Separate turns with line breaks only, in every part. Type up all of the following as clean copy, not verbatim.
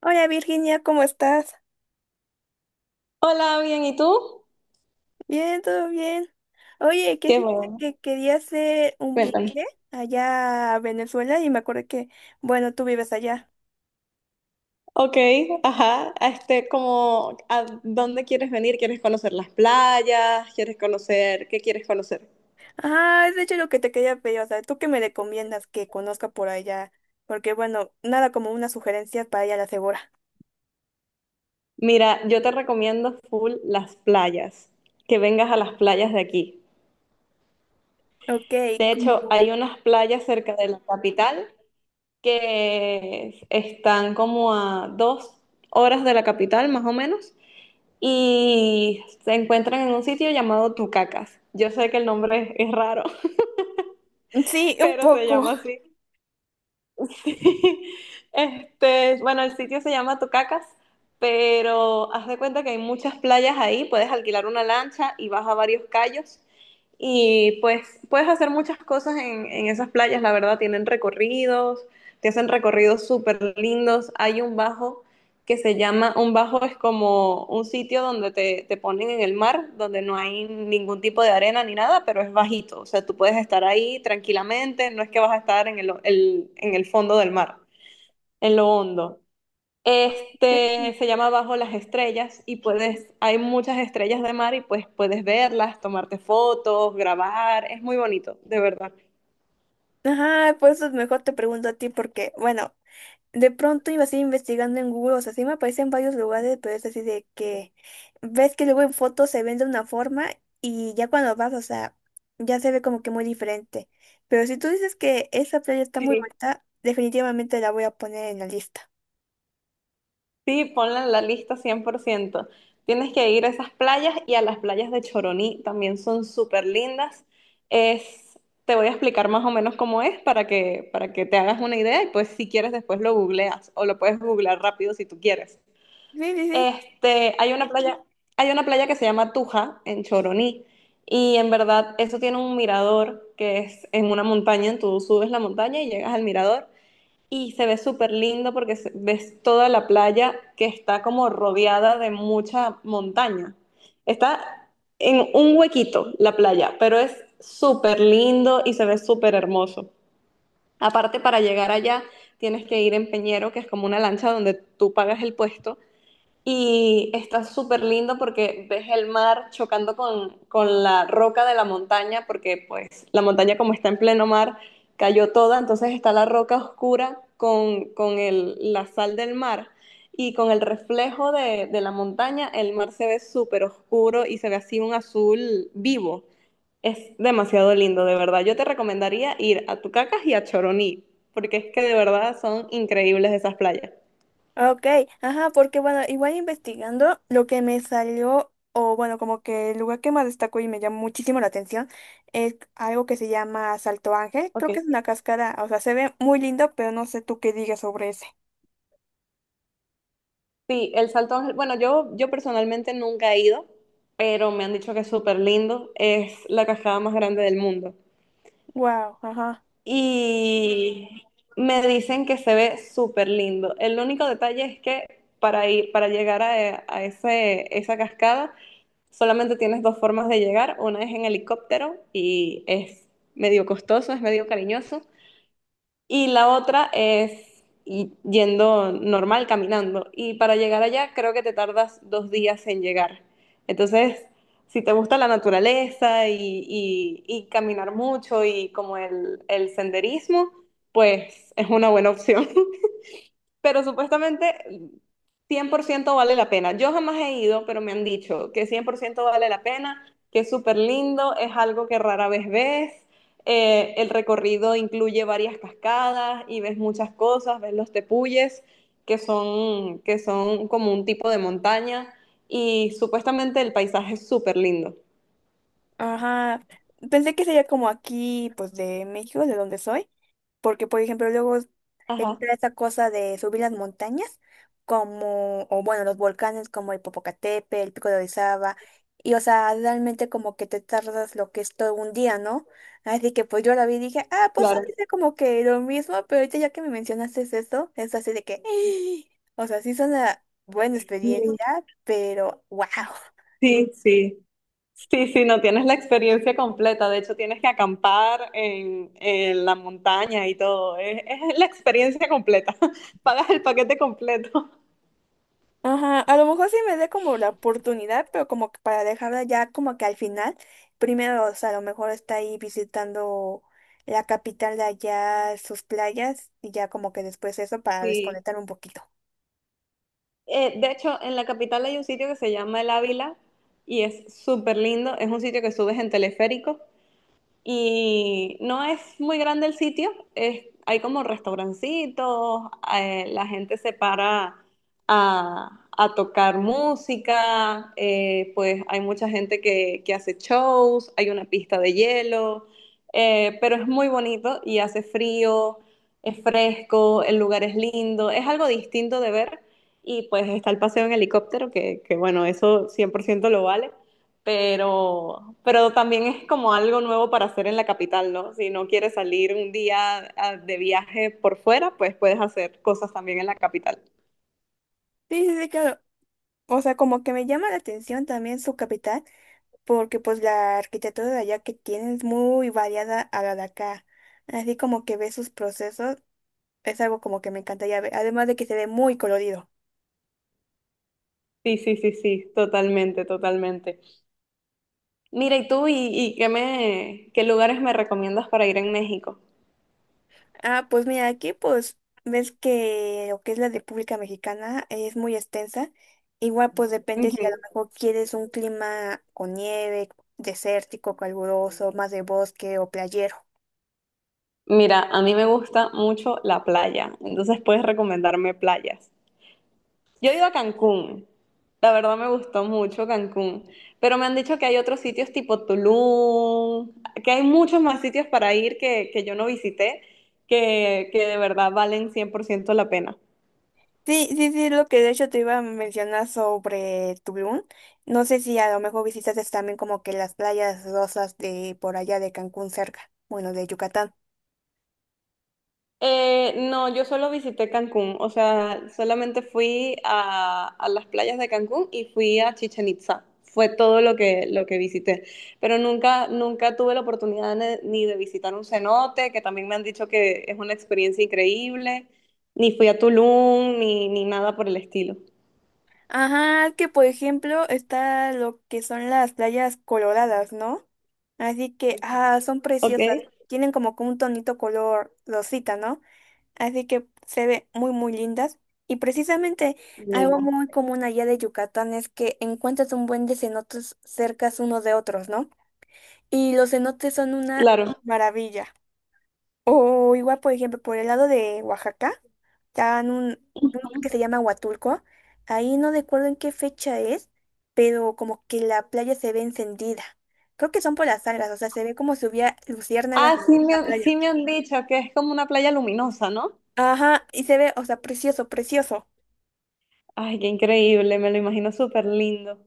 Hola Virginia, ¿cómo estás?
Hola, bien, ¿y tú?
Bien, todo bien. Oye, que
Qué
fíjate
bueno,
que quería hacer un
cuéntame.
viaje allá a Venezuela y me acordé que, bueno, tú vives allá.
Ok, ajá, como, ¿a dónde quieres venir? ¿Quieres conocer las playas? ¿Quieres qué quieres conocer?
Ah, es de hecho lo que te quería pedir, o sea, ¿tú qué me recomiendas que conozca por allá? Porque, bueno, nada como una sugerencia para ir a la segura.
Mira, yo te recomiendo full las playas, que vengas a las playas de aquí.
Ok,
De hecho,
como.
hay unas playas cerca de la capital que están como a 2 horas de la capital, más o menos, y se encuentran en un sitio llamado Tucacas. Yo sé que el nombre es raro,
Sí, un
pero se
poco.
llama así. Sí. Bueno, el sitio se llama Tocacas, pero haz de cuenta que hay muchas playas ahí, puedes alquilar una lancha y vas a varios callos y pues puedes hacer muchas cosas en esas playas, la verdad, tienen recorridos, te hacen recorridos súper lindos. Hay un bajo que se llama, un bajo es como un sitio donde te ponen en el mar, donde no hay ningún tipo de arena ni nada, pero es bajito. O sea, tú puedes estar ahí tranquilamente, no es que vas a estar en en el fondo del mar, en lo hondo. Este se llama Bajo las Estrellas y puedes, hay muchas estrellas de mar y pues puedes verlas, tomarte fotos, grabar, es muy bonito, de verdad.
Ajá, pues eso mejor te pregunto a ti porque, bueno, de pronto iba así investigando en Google, o sea, sí me aparece en varios lugares, pero es así de que ves que luego en fotos se ven de una forma y ya cuando vas, o sea, ya se ve como que muy diferente. Pero si tú dices que esa playa está muy
Sí,
bonita, definitivamente la voy a poner en la lista.
sí, ponla en la lista 100%. Tienes que ir a esas playas y a las playas de Choroní, también son súper lindas. Es, te voy a explicar más o menos cómo es para que te hagas una idea y pues si quieres después lo googleas o lo puedes googlear rápido si tú quieres.
Sí, sí, sí.
Hay una playa, hay una playa que se llama Tuja en Choroní y en verdad eso tiene un mirador que es en una montaña, tú subes la montaña y llegas al mirador y se ve súper lindo porque se- ves toda la playa que está como rodeada de mucha montaña. Está en un huequito la playa, pero es súper lindo y se ve súper hermoso. Aparte, para llegar allá tienes que ir en Peñero, que es como una lancha donde tú pagas el puesto y está súper lindo porque ves el mar chocando con la roca de la montaña, porque pues la montaña como está en pleno mar, cayó toda, entonces está la roca oscura la sal del mar y con el reflejo de la montaña, el mar se ve súper oscuro y se ve así un azul vivo. Es demasiado lindo, de verdad. Yo te recomendaría ir a Tucacas y a Choroní, porque es que de verdad son increíbles esas playas.
Ok, ajá, porque bueno, igual investigando, lo que me salió, o bueno, como que el lugar que más destacó y me llamó muchísimo la atención, es algo que se llama Salto Ángel. Creo
Ok.
que es una cascada, o sea, se ve muy lindo, pero no sé tú qué digas sobre ese.
Sí, el Salto Ángel. Bueno, yo personalmente nunca he ido, pero me han dicho que es súper lindo. Es la cascada más grande del mundo.
Wow, ajá,
Y me dicen que se ve súper lindo. El único detalle es que para ir, para llegar a ese, esa cascada, solamente tienes 2 formas de llegar. Una es en helicóptero y es medio costoso, es medio cariñoso. Y la otra es yendo normal, caminando. Y para llegar allá creo que te tardas 2 días en llegar. Entonces, si te gusta la naturaleza y caminar mucho y como el senderismo, pues es una buena opción. Pero supuestamente 100% vale la pena. Yo jamás he ido, pero me han dicho que 100% vale la pena, que es súper lindo, es algo que rara vez ves. El recorrido incluye varias cascadas y ves muchas cosas, ves los tepuyes, que son como un tipo de montaña, y supuestamente el paisaje es súper lindo.
ajá. Pensé que sería como aquí, pues de México, de donde soy. Porque, por ejemplo, luego
Ajá,
está esa cosa de subir las montañas, como, o bueno, los volcanes como el Popocatépetl, el Pico de Orizaba, y o sea, realmente como que te tardas lo que es todo un día, ¿no? Así que pues yo la vi y dije, ah, pues ha
claro.
de ser como que lo mismo, pero ahorita ya que me mencionaste eso, es así de que, o sea, sí es una buena
Mm,
experiencia, pero wow.
sí, sí. Sí, sí, no tienes la experiencia completa. De hecho, tienes que acampar en la montaña y todo. Es la experiencia completa. Pagas el paquete completo.
Ajá, a lo mejor sí me dé como la oportunidad, pero como que para dejarla ya como que al final, primero, o sea, a lo mejor está ahí visitando la capital de allá, sus playas, y ya como que después eso para
Sí.
desconectar un poquito.
De hecho, en la capital hay un sitio que se llama El Ávila y es súper lindo. Es un sitio que subes en teleférico. Y no es muy grande el sitio, es- hay como restaurancitos, la gente se para a tocar música. Pues hay mucha gente que hace shows, hay una pista de hielo, pero es muy bonito y hace frío, es fresco, el lugar es lindo, es algo distinto de ver y pues está el paseo en helicóptero, que bueno, eso 100% lo vale, pero también es como algo nuevo para hacer en la capital, ¿no? Si no quieres salir un día ah, de viaje por fuera, pues puedes hacer cosas también en la capital.
Sí, sí, sí, claro. O sea, como que me llama la atención también su capital, porque pues la arquitectura de allá que tiene es muy variada a la de acá. Así como que ve sus procesos, es algo como que me encantaría ver, además de que se ve muy colorido.
Sí, sí, sí, sí, totalmente, totalmente. Mira, ¿y tú y qué qué lugares me recomiendas para ir en México?
Ah, pues mira, aquí pues ves que lo que es la República Mexicana es muy extensa. Igual pues depende si a lo
Ujú.
mejor quieres un clima con nieve, desértico, caluroso, más de bosque o playero.
Mira, a mí me gusta mucho la playa, entonces puedes recomendarme playas. Yo he ido a Cancún, la verdad me gustó mucho Cancún, pero me han dicho que hay otros sitios tipo Tulum, que hay muchos más sitios para ir que yo no visité, que de verdad valen 100% la pena.
Sí, sí, sí, lo que de hecho te iba a mencionar sobre Tulum. No sé si a lo mejor visitas también como que las playas rosas de por allá de Cancún cerca, bueno, de Yucatán.
No, yo solo visité Cancún, o sea, solamente fui a las playas de Cancún y fui a Chichen Itza. Fue todo lo lo que visité. Pero nunca, nunca tuve la oportunidad ne- ni de visitar un cenote, que también me han dicho que es una experiencia increíble, ni fui a Tulum, ni nada por el estilo.
Ajá, es que por ejemplo está lo que son las playas coloradas, ¿no? Así que, ah, son preciosas.
¿Ok?
Tienen como que un tonito color rosita, ¿no? Así que se ve muy, muy lindas. Y precisamente algo
Lindo.
muy común allá de Yucatán es que encuentras un buen de cenotes cercas unos de otros, ¿no? Y los cenotes son una
Claro.
maravilla. O igual, por ejemplo, por el lado de Oaxaca. Está en un que se llama Huatulco. Ahí no recuerdo en qué fecha es, pero como que la playa se ve encendida. Creo que son por las algas, o sea, se ve como si hubiera luciérnagas
Ah,
en la playa.
sí me han dicho que es como una playa luminosa, ¿no?
Ajá, y se ve, o sea, precioso, precioso.
Ay, qué increíble, me lo imagino súper lindo.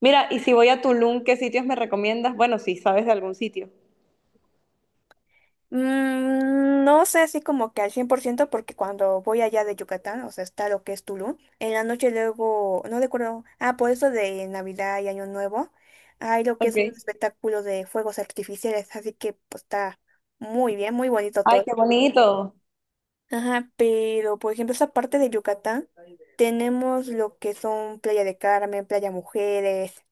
Mira, y si voy a Tulum, ¿qué sitios me recomiendas? Bueno, si sabes de algún sitio.
No sé así como que al 100% porque cuando voy allá de Yucatán, o sea, está lo que es Tulum, en la noche luego, no recuerdo, ah, por eso de Navidad y Año Nuevo, hay lo que
Ok.
es un espectáculo de fuegos artificiales, así que pues está muy bien, muy bonito
Ay,
todo.
qué bonito.
Ajá, pero por ejemplo esa parte de Yucatán, tenemos lo que son Playa de Carmen, Playa Mujeres,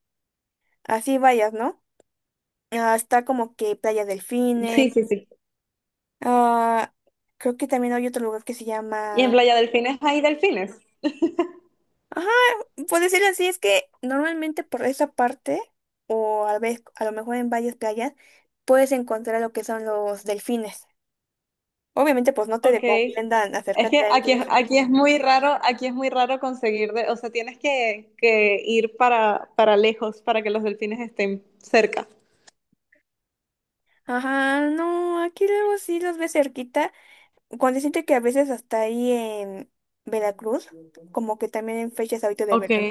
así varias, ¿no? Ah, está como que Playa Delfines.
Sí, sí, sí.
Ah, creo que también hay otro lugar que se
¿Y en
llama.
Playa Delfines hay delfines?
Ajá, puede decirlo así, es que normalmente por esa parte, o a vez, a lo mejor en varias playas, puedes encontrar lo que son los delfines. Obviamente, pues no te
Ok.
recomiendan
Es
acercarte
que
a ellos.
aquí es muy raro, aquí es muy raro conseguir de, o sea, tienes que ir para lejos para que los delfines estén cerca.
Ajá, no, aquí luego sí los ves cerquita. Cuando siento que a veces hasta ahí en Veracruz, como que también en fechas ahorita de
Ok.
verano,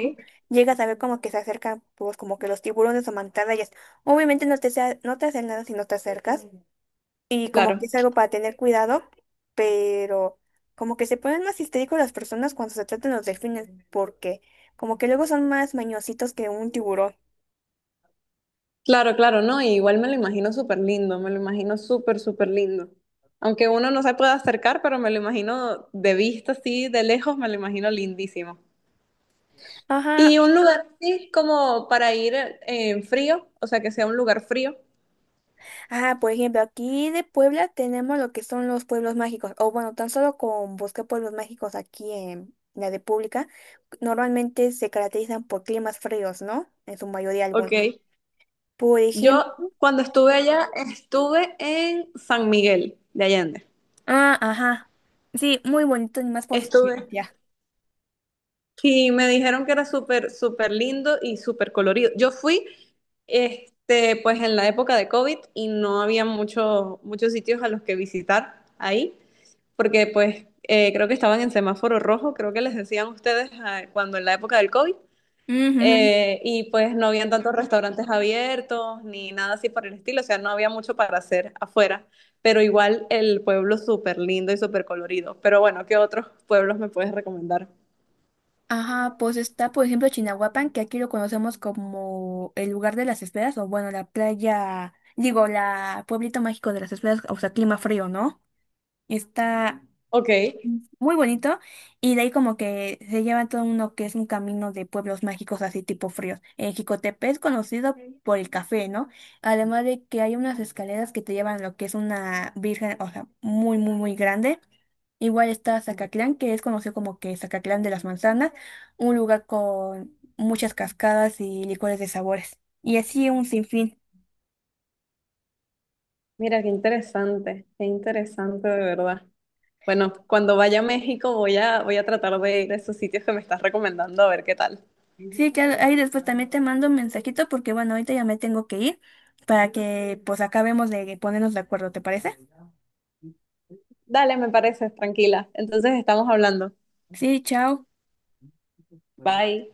llegas a ver como que se acercan, pues como que los tiburones o mantarrayas. Obviamente no te hacen nada si no te acercas, y como que
Claro.
es algo para tener cuidado, pero como que se ponen más histéricos las personas cuando se tratan los delfines porque como que luego son más mañositos que un tiburón.
Claro, claro, no, y igual me lo imagino súper lindo, me lo imagino súper, súper lindo. Aunque uno no se pueda acercar, pero me lo imagino de vista, así, de lejos, me lo imagino lindísimo.
Ajá,
Y un lugar así como para ir en frío, o sea, que sea un lugar frío.
ah, por ejemplo, aquí de Puebla tenemos lo que son los pueblos mágicos, o bueno, tan solo con busqué pueblos mágicos aquí en la República, normalmente se caracterizan por climas fríos, ¿no? En su mayoría
Ok.
algunos. Por
Yo
ejemplo,
cuando estuve allá, estuve en San Miguel de Allende.
ah, ajá, sí, muy bonito, y más por su
Estuve,
ciencia.
y me dijeron que era súper, súper lindo y súper colorido. Yo fui, pues en la época de COVID y no había mucho muchos sitios a los que visitar ahí, porque pues creo que estaban en semáforo rojo, creo que les decían ustedes ah, cuando en la época del COVID,
Ujú.
y pues no habían tantos restaurantes abiertos ni nada así por el estilo, o sea, no había mucho para hacer afuera, pero igual el pueblo súper lindo y súper colorido. Pero bueno, ¿qué otros pueblos me puedes recomendar?
Ajá, pues está, por ejemplo, Chinahuapan, que aquí lo conocemos como el lugar de las esferas, o bueno, la playa, digo, la pueblito mágico de las esferas, o sea, clima frío, ¿no? Está
Ok.
muy bonito y de ahí como que se lleva todo uno que es un camino de pueblos mágicos así tipo fríos. En Jicotepe es conocido por el café, ¿no? Además de que hay unas escaleras que te llevan a lo que es una virgen, o sea, muy, muy, muy grande. Igual está Zacatlán, que es conocido como que Zacatlán de las Manzanas, un lugar con muchas cascadas y licores de sabores. Y así un sinfín.
Mira, qué interesante de verdad. Bueno, cuando vaya a México voy voy a tratar de ir a esos sitios que me estás recomendando a ver qué tal.
Sí, claro, ahí después también te mando un mensajito porque bueno, ahorita ya me tengo que ir para que pues acabemos de ponernos de acuerdo, ¿te parece?
Dale, me parece, tranquila. Entonces estamos hablando.
Sí, chao.
Bye.